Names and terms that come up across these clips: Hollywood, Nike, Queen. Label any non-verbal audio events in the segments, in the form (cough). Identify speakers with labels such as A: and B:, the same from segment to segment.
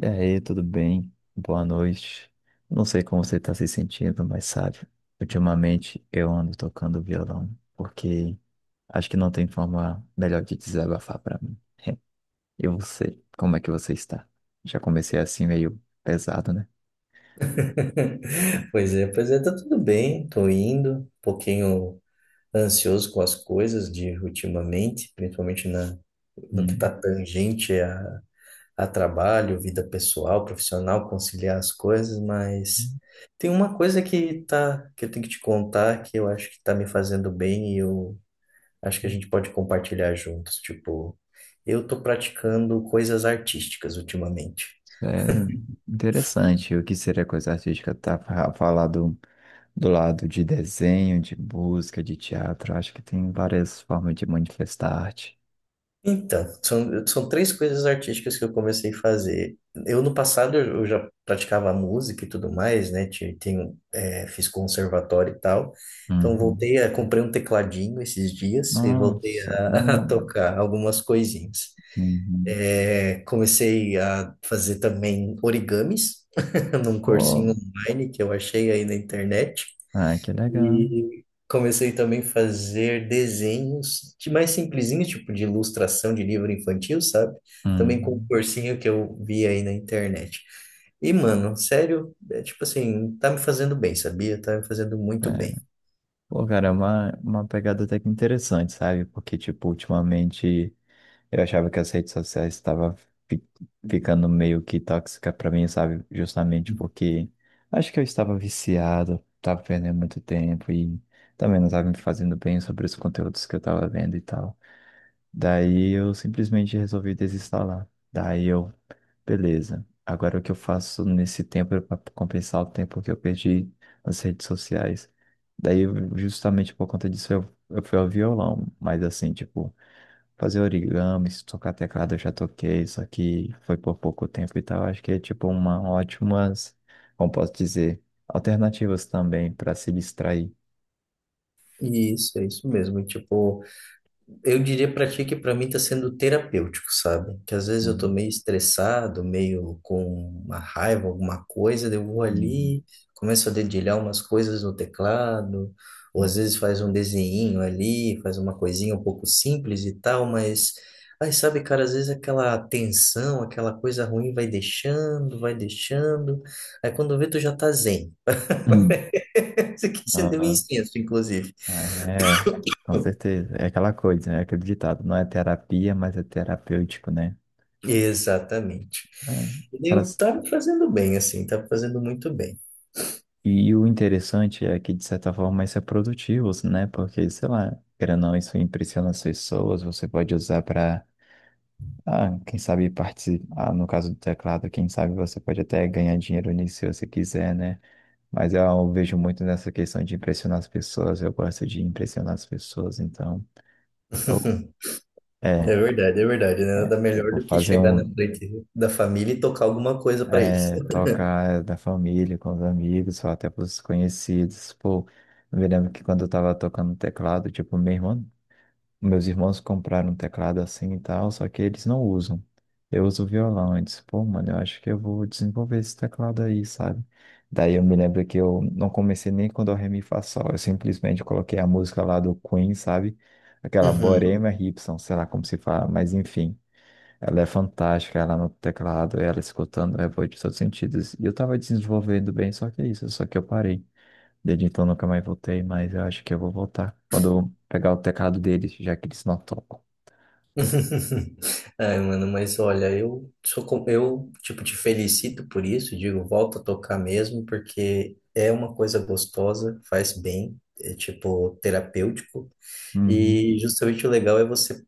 A: E aí, tudo bem? Boa noite. Não sei como você está se sentindo, mas sabe, ultimamente eu ando tocando violão, porque acho que não tem forma melhor de desabafar para mim. E você, como é que você está? Já comecei assim meio pesado, né?
B: (laughs) Pois é, tá tudo bem, tô indo, um pouquinho ansioso com as coisas de ultimamente, principalmente no que tá
A: Hum,
B: tangente a trabalho, vida pessoal, profissional, conciliar as coisas, mas tem uma coisa que eu tenho que te contar que eu acho que tá me fazendo bem e eu acho que a gente pode compartilhar juntos, tipo, eu tô praticando coisas artísticas ultimamente.
A: sério, interessante. O que seria coisa artística? Falar do, do lado de desenho, de música, de teatro. Acho que tem várias formas de manifestar arte.
B: Então, são três coisas artísticas que eu comecei a fazer. Eu, no passado, eu já praticava música e tudo mais, né? Tenho, é, fiz conservatório e tal. Então,
A: Uhum.
B: voltei a... Comprei um tecladinho esses dias e voltei
A: Nossa,
B: a, (laughs) a
A: legal.
B: tocar algumas coisinhas.
A: Uhum.
B: É, comecei a fazer também origamis (laughs) num
A: Pô,
B: cursinho online que eu achei aí na internet.
A: ah, que legal.
B: E comecei também a fazer desenhos de mais simplesinhos, tipo de ilustração de livro infantil, sabe? Também com um
A: Uhum.
B: cursinho que eu vi aí na internet. E, mano, sério, é tipo assim, tá me fazendo bem, sabia? Tá me fazendo muito bem.
A: É. Pô, cara, é uma pegada até que interessante, sabe? Porque, tipo, ultimamente eu achava que as redes sociais estavam fi- ficando meio que tóxica pra mim, sabe? Justamente porque acho que eu estava viciado, estava perdendo muito tempo e também não estava me fazendo bem sobre os conteúdos que eu estava vendo e tal. Daí eu simplesmente resolvi desinstalar. Daí eu Beleza. Agora o que eu faço nesse tempo é para compensar o tempo que eu perdi nas redes sociais. Daí, justamente por conta disso, eu fui ao violão. Mas assim, tipo, fazer origami, se tocar teclado eu já toquei, só que foi por pouco tempo e tal. Acho que é tipo uma ótima, como posso dizer, alternativas também para se distrair.
B: E isso, é isso mesmo. E, tipo, eu diria pra ti que pra mim tá sendo terapêutico, sabe? Que às vezes eu tô
A: Uhum,
B: meio estressado, meio com uma raiva, alguma coisa, daí eu vou
A: uhum,
B: ali, começo a dedilhar umas coisas no teclado, ou às
A: uhum.
B: vezes faz um desenhinho ali, faz uma coisinha um pouco simples e tal, mas aí sabe, cara, às vezes aquela tensão, aquela coisa ruim vai deixando, vai deixando. Aí quando vê tu já tá zen. (laughs)
A: Hum.
B: Parece que acendeu um
A: Ah,
B: incenso, inclusive.
A: é, com certeza. É aquela coisa, né? Aquele ditado, não é terapia, mas é terapêutico, né?
B: Exatamente.
A: Né? Pra-
B: Eu tá me fazendo bem, assim, tá me fazendo muito bem.
A: E o interessante é que, de certa forma, isso é produtivo, né? Porque, sei lá, querendo ou não, isso impressiona as pessoas, você pode usar para, ah, quem sabe participar, no caso do teclado, quem sabe você pode até ganhar dinheiro nisso se você quiser, né? Mas eu vejo muito nessa questão de impressionar as pessoas, eu gosto de impressionar as pessoas, então, eu,
B: (laughs)
A: é,
B: É verdade, né? Nada
A: eu
B: melhor
A: vou
B: do que
A: fazer
B: chegar na
A: um.
B: frente da família e tocar alguma coisa pra eles.
A: É, tocar da família, com os amigos, ou até pros conhecidos. Pô, eu me lembro que quando eu tava tocando teclado, tipo, meus irmãos compraram um teclado assim e tal, só que eles não usam. Eu uso violão. Eu disse, pô, mano, eu acho que eu vou desenvolver esse teclado aí, sabe? Daí eu me lembro que eu não comecei nem com Dó, Ré, Mi, Fá, Sol. Eu simplesmente coloquei a música lá do Queen, sabe? Aquela
B: Uhum.
A: Borema Ripson, sei lá como se fala, mas enfim. Ela é fantástica, ela no teclado, ela escutando, é boa de todos os sentidos. E eu tava desenvolvendo bem, só que é isso, só que eu parei. Desde então nunca mais voltei, mas eu acho que eu vou voltar. Quando eu pegar o teclado deles, já que eles não tocam.
B: (laughs) Ai, mano, mas olha, eu eu tipo te felicito por isso, digo, volta a tocar mesmo, porque é uma coisa gostosa, faz bem, é tipo terapêutico.
A: Uhum.
B: E justamente o legal é você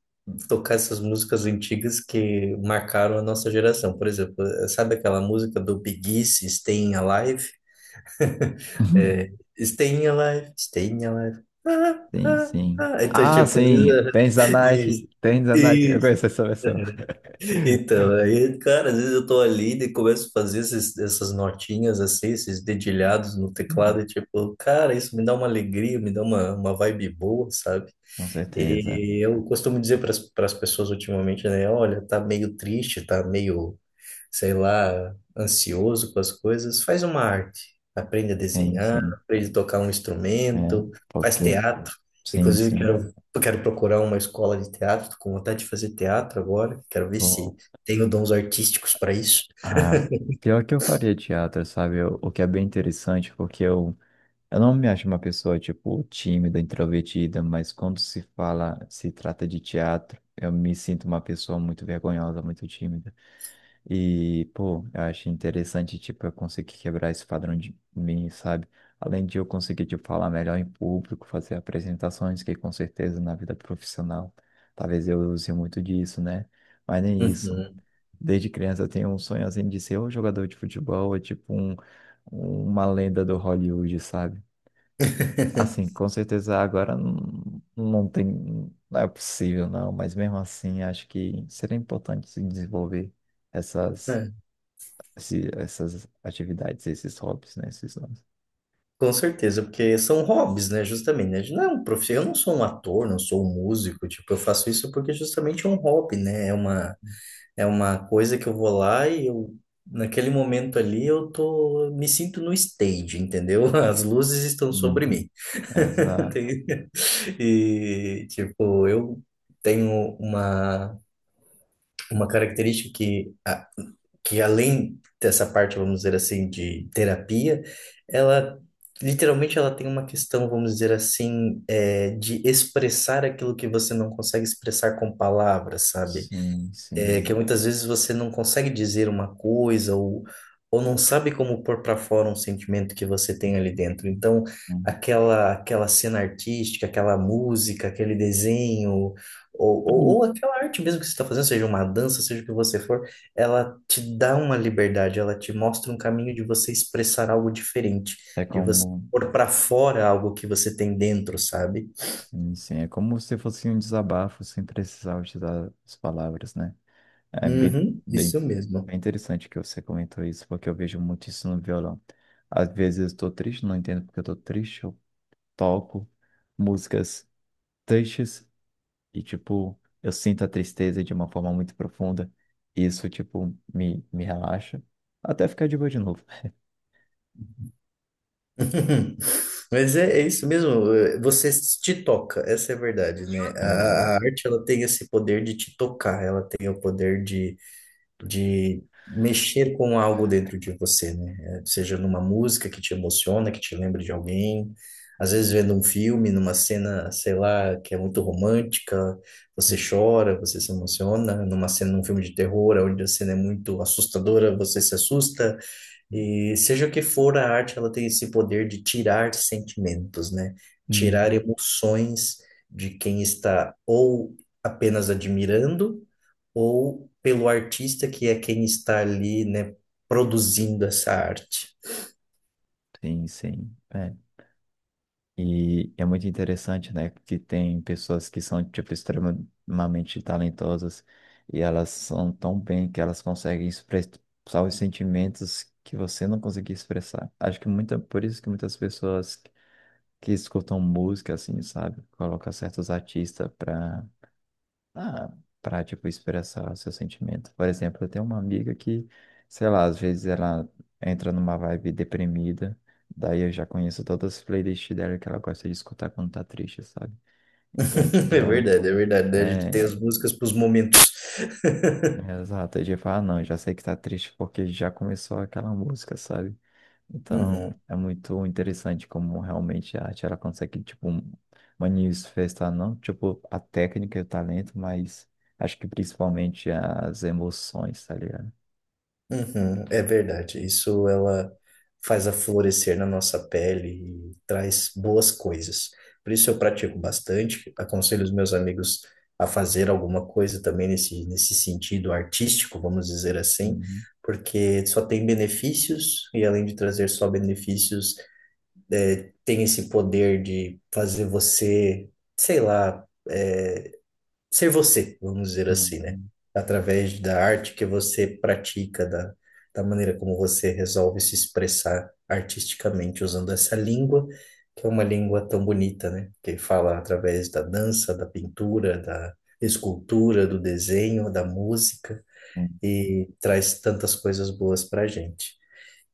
B: tocar essas músicas antigas que marcaram a nossa geração. Por exemplo, sabe aquela música do Big Easy, Staying Alive? É,
A: (laughs)
B: Staying Alive, Staying Alive. Ah,
A: Sim,
B: ah,
A: sim.
B: ah. Então,
A: Ah,
B: tipo, às vezes,
A: sim, tênis da
B: (laughs)
A: Nike,
B: isso.
A: tênis da Nike. Eu
B: Isso.
A: conheço essa versão.
B: Então, aí, cara, às vezes eu tô ali e começo a fazer essas notinhas assim, esses dedilhados no teclado, e
A: (laughs)
B: tipo, cara, isso me dá uma alegria, me dá uma vibe boa, sabe?
A: Com certeza.
B: E eu costumo dizer para as pessoas ultimamente, né? Olha, tá meio triste, tá meio, sei lá, ansioso com as coisas. Faz uma arte. Aprende a
A: Sim,
B: desenhar,
A: sim.
B: aprende a tocar um
A: É,
B: instrumento, faz
A: porque,
B: teatro.
A: sim,
B: Inclusive,
A: sim.
B: quero procurar uma escola de teatro, tô com vontade de fazer teatro agora. Quero ver se tenho dons artísticos para isso.
A: Ah, pior que eu faria teatro, sabe? O que é bem interessante, porque eu não me acho uma pessoa, tipo, tímida, introvertida, mas quando se fala, se trata de teatro, eu me sinto uma pessoa muito vergonhosa, muito tímida. E, pô, eu acho interessante, tipo, eu conseguir quebrar esse padrão de mim, sabe? Além de eu conseguir, tipo, falar melhor em público, fazer apresentações, que com certeza na vida profissional, talvez eu use muito disso, né? Mas nem isso.
B: Uhum.
A: Desde criança eu tenho um sonho assim de ser um jogador de futebol, ou tipo um, uma lenda do Hollywood, sabe? Assim,
B: (laughs)
A: com certeza agora não, não tem, não é possível não, mas mesmo assim acho que seria importante se desenvolver essas, essas atividades, esses hobbies, né? Esses hobbies.
B: Com certeza, porque são hobbies, né? Justamente, né? Não é um eu não sou um ator, não sou um músico, tipo, eu faço isso porque justamente é um hobby, né? É uma coisa que eu vou lá e eu, naquele momento ali, me sinto no stage, entendeu? (laughs) As luzes estão sobre
A: Uhum.
B: mim. (laughs)
A: Exato.
B: Tem- E, tipo, eu tenho uma característica que além dessa parte, vamos dizer assim, de terapia, ela literalmente ela tem uma questão, vamos dizer assim, é, de expressar aquilo que você não consegue expressar com palavras, sabe?
A: Sim,
B: É que
A: sim.
B: muitas vezes você não consegue dizer uma coisa, ou não sabe como pôr para fora um sentimento que você tem ali dentro. Então,
A: Uhum.
B: aquela cena artística, aquela música, aquele desenho, ou, ou aquela arte mesmo que você está fazendo, seja uma dança, seja o que você for, ela te dá uma liberdade, ela te mostra um caminho de você expressar algo diferente,
A: É
B: de você
A: como,
B: pôr para fora algo que você tem dentro, sabe?
A: sim, sim, é como se fosse um desabafo sem precisar utilizar as palavras, né? É bem,
B: Uhum,
A: bem,
B: isso mesmo.
A: bem interessante que você comentou isso, porque eu vejo muito isso no violão. Às vezes eu estou triste, não entendo porque eu estou triste, eu toco músicas tristes e, tipo, eu sinto a tristeza de uma forma muito profunda. E isso, tipo, me relaxa até ficar de boa de novo.
B: (laughs) Mas é isso mesmo, você te toca, essa é a verdade, né? A
A: Exato.
B: arte ela tem esse poder de te tocar, ela tem o poder de mexer com algo dentro de você, né? Eh, seja numa música que te emociona, que te lembra de alguém, às vezes vendo um filme, numa cena, sei lá, que é muito romântica, você chora, você se emociona, numa cena, num filme de terror, onde a cena é muito assustadora, você se assusta. E seja o que for a arte, ela tem esse poder de tirar sentimentos, né? Tirar
A: Uhum.
B: emoções de quem está ou apenas admirando, ou pelo artista que é quem está ali, né, produzindo essa arte.
A: Sim, sim. É. E é muito interessante, né, que tem pessoas que são, tipo, extremamente talentosas e elas são tão bem que elas conseguem expressar os sentimentos que você não conseguia expressar. Acho que muita, por isso que muitas pessoas que escutam música, assim, sabe, colocam certos artistas para ah, pra, tipo, expressar o seu sentimento. Por exemplo, eu tenho uma amiga que, sei lá, às vezes ela entra numa vibe deprimida, daí eu já conheço todas as playlists dela que ela gosta de escutar quando tá triste, sabe? Então,
B: (laughs) É
A: tipo,
B: verdade, é verdade, né? A gente
A: é,
B: tem as músicas para os momentos.
A: é
B: (laughs)
A: exato, eu já falo, ah, não, já sei que tá triste porque já começou aquela música, sabe?
B: Uhum.
A: Então, é muito interessante como realmente a arte ela consegue, tipo, manifestar não, tipo, a técnica e o talento, mas acho que principalmente as emoções, tá ligado?
B: Uhum, é verdade. Isso ela faz a florescer na nossa pele e traz boas coisas. Por isso eu pratico bastante. Aconselho os meus amigos a fazer alguma coisa também nesse sentido artístico, vamos dizer assim,
A: Uhum,
B: porque só tem benefícios e além de trazer só benefícios, tem esse poder de fazer você, sei lá, é, ser você, vamos dizer assim, né?
A: uhum,
B: Através da arte que você pratica, da maneira como você resolve se expressar artisticamente usando essa língua, que é uma língua tão bonita, né? Que fala através da dança, da pintura, da escultura, do desenho, da música
A: uhum.
B: e traz tantas coisas boas para a gente.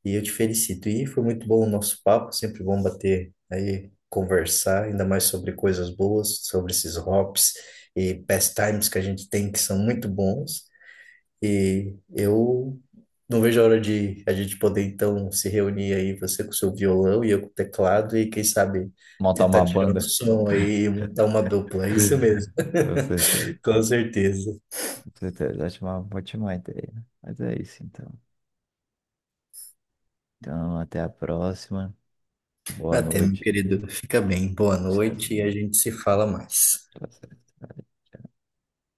B: E eu te felicito. E foi muito bom o nosso papo, sempre bom bater aí, conversar, ainda mais sobre coisas boas, sobre esses hops e pastimes que a gente tem que são muito bons. E eu não vejo a hora de a gente poder então se reunir aí, você com o seu violão e eu com o teclado, e quem sabe
A: Montar
B: tentar
A: uma
B: tirar um
A: banda,
B: som aí e montar uma dupla. É isso mesmo,
A: (laughs) com certeza,
B: (laughs) com certeza.
A: com certeza, acho uma ótima ideia. Mas é isso, então. Então, até a próxima. Boa
B: Até, meu
A: noite.
B: querido, fica bem, boa
A: Descansa.
B: noite e a gente se fala mais.
A: Tá certo.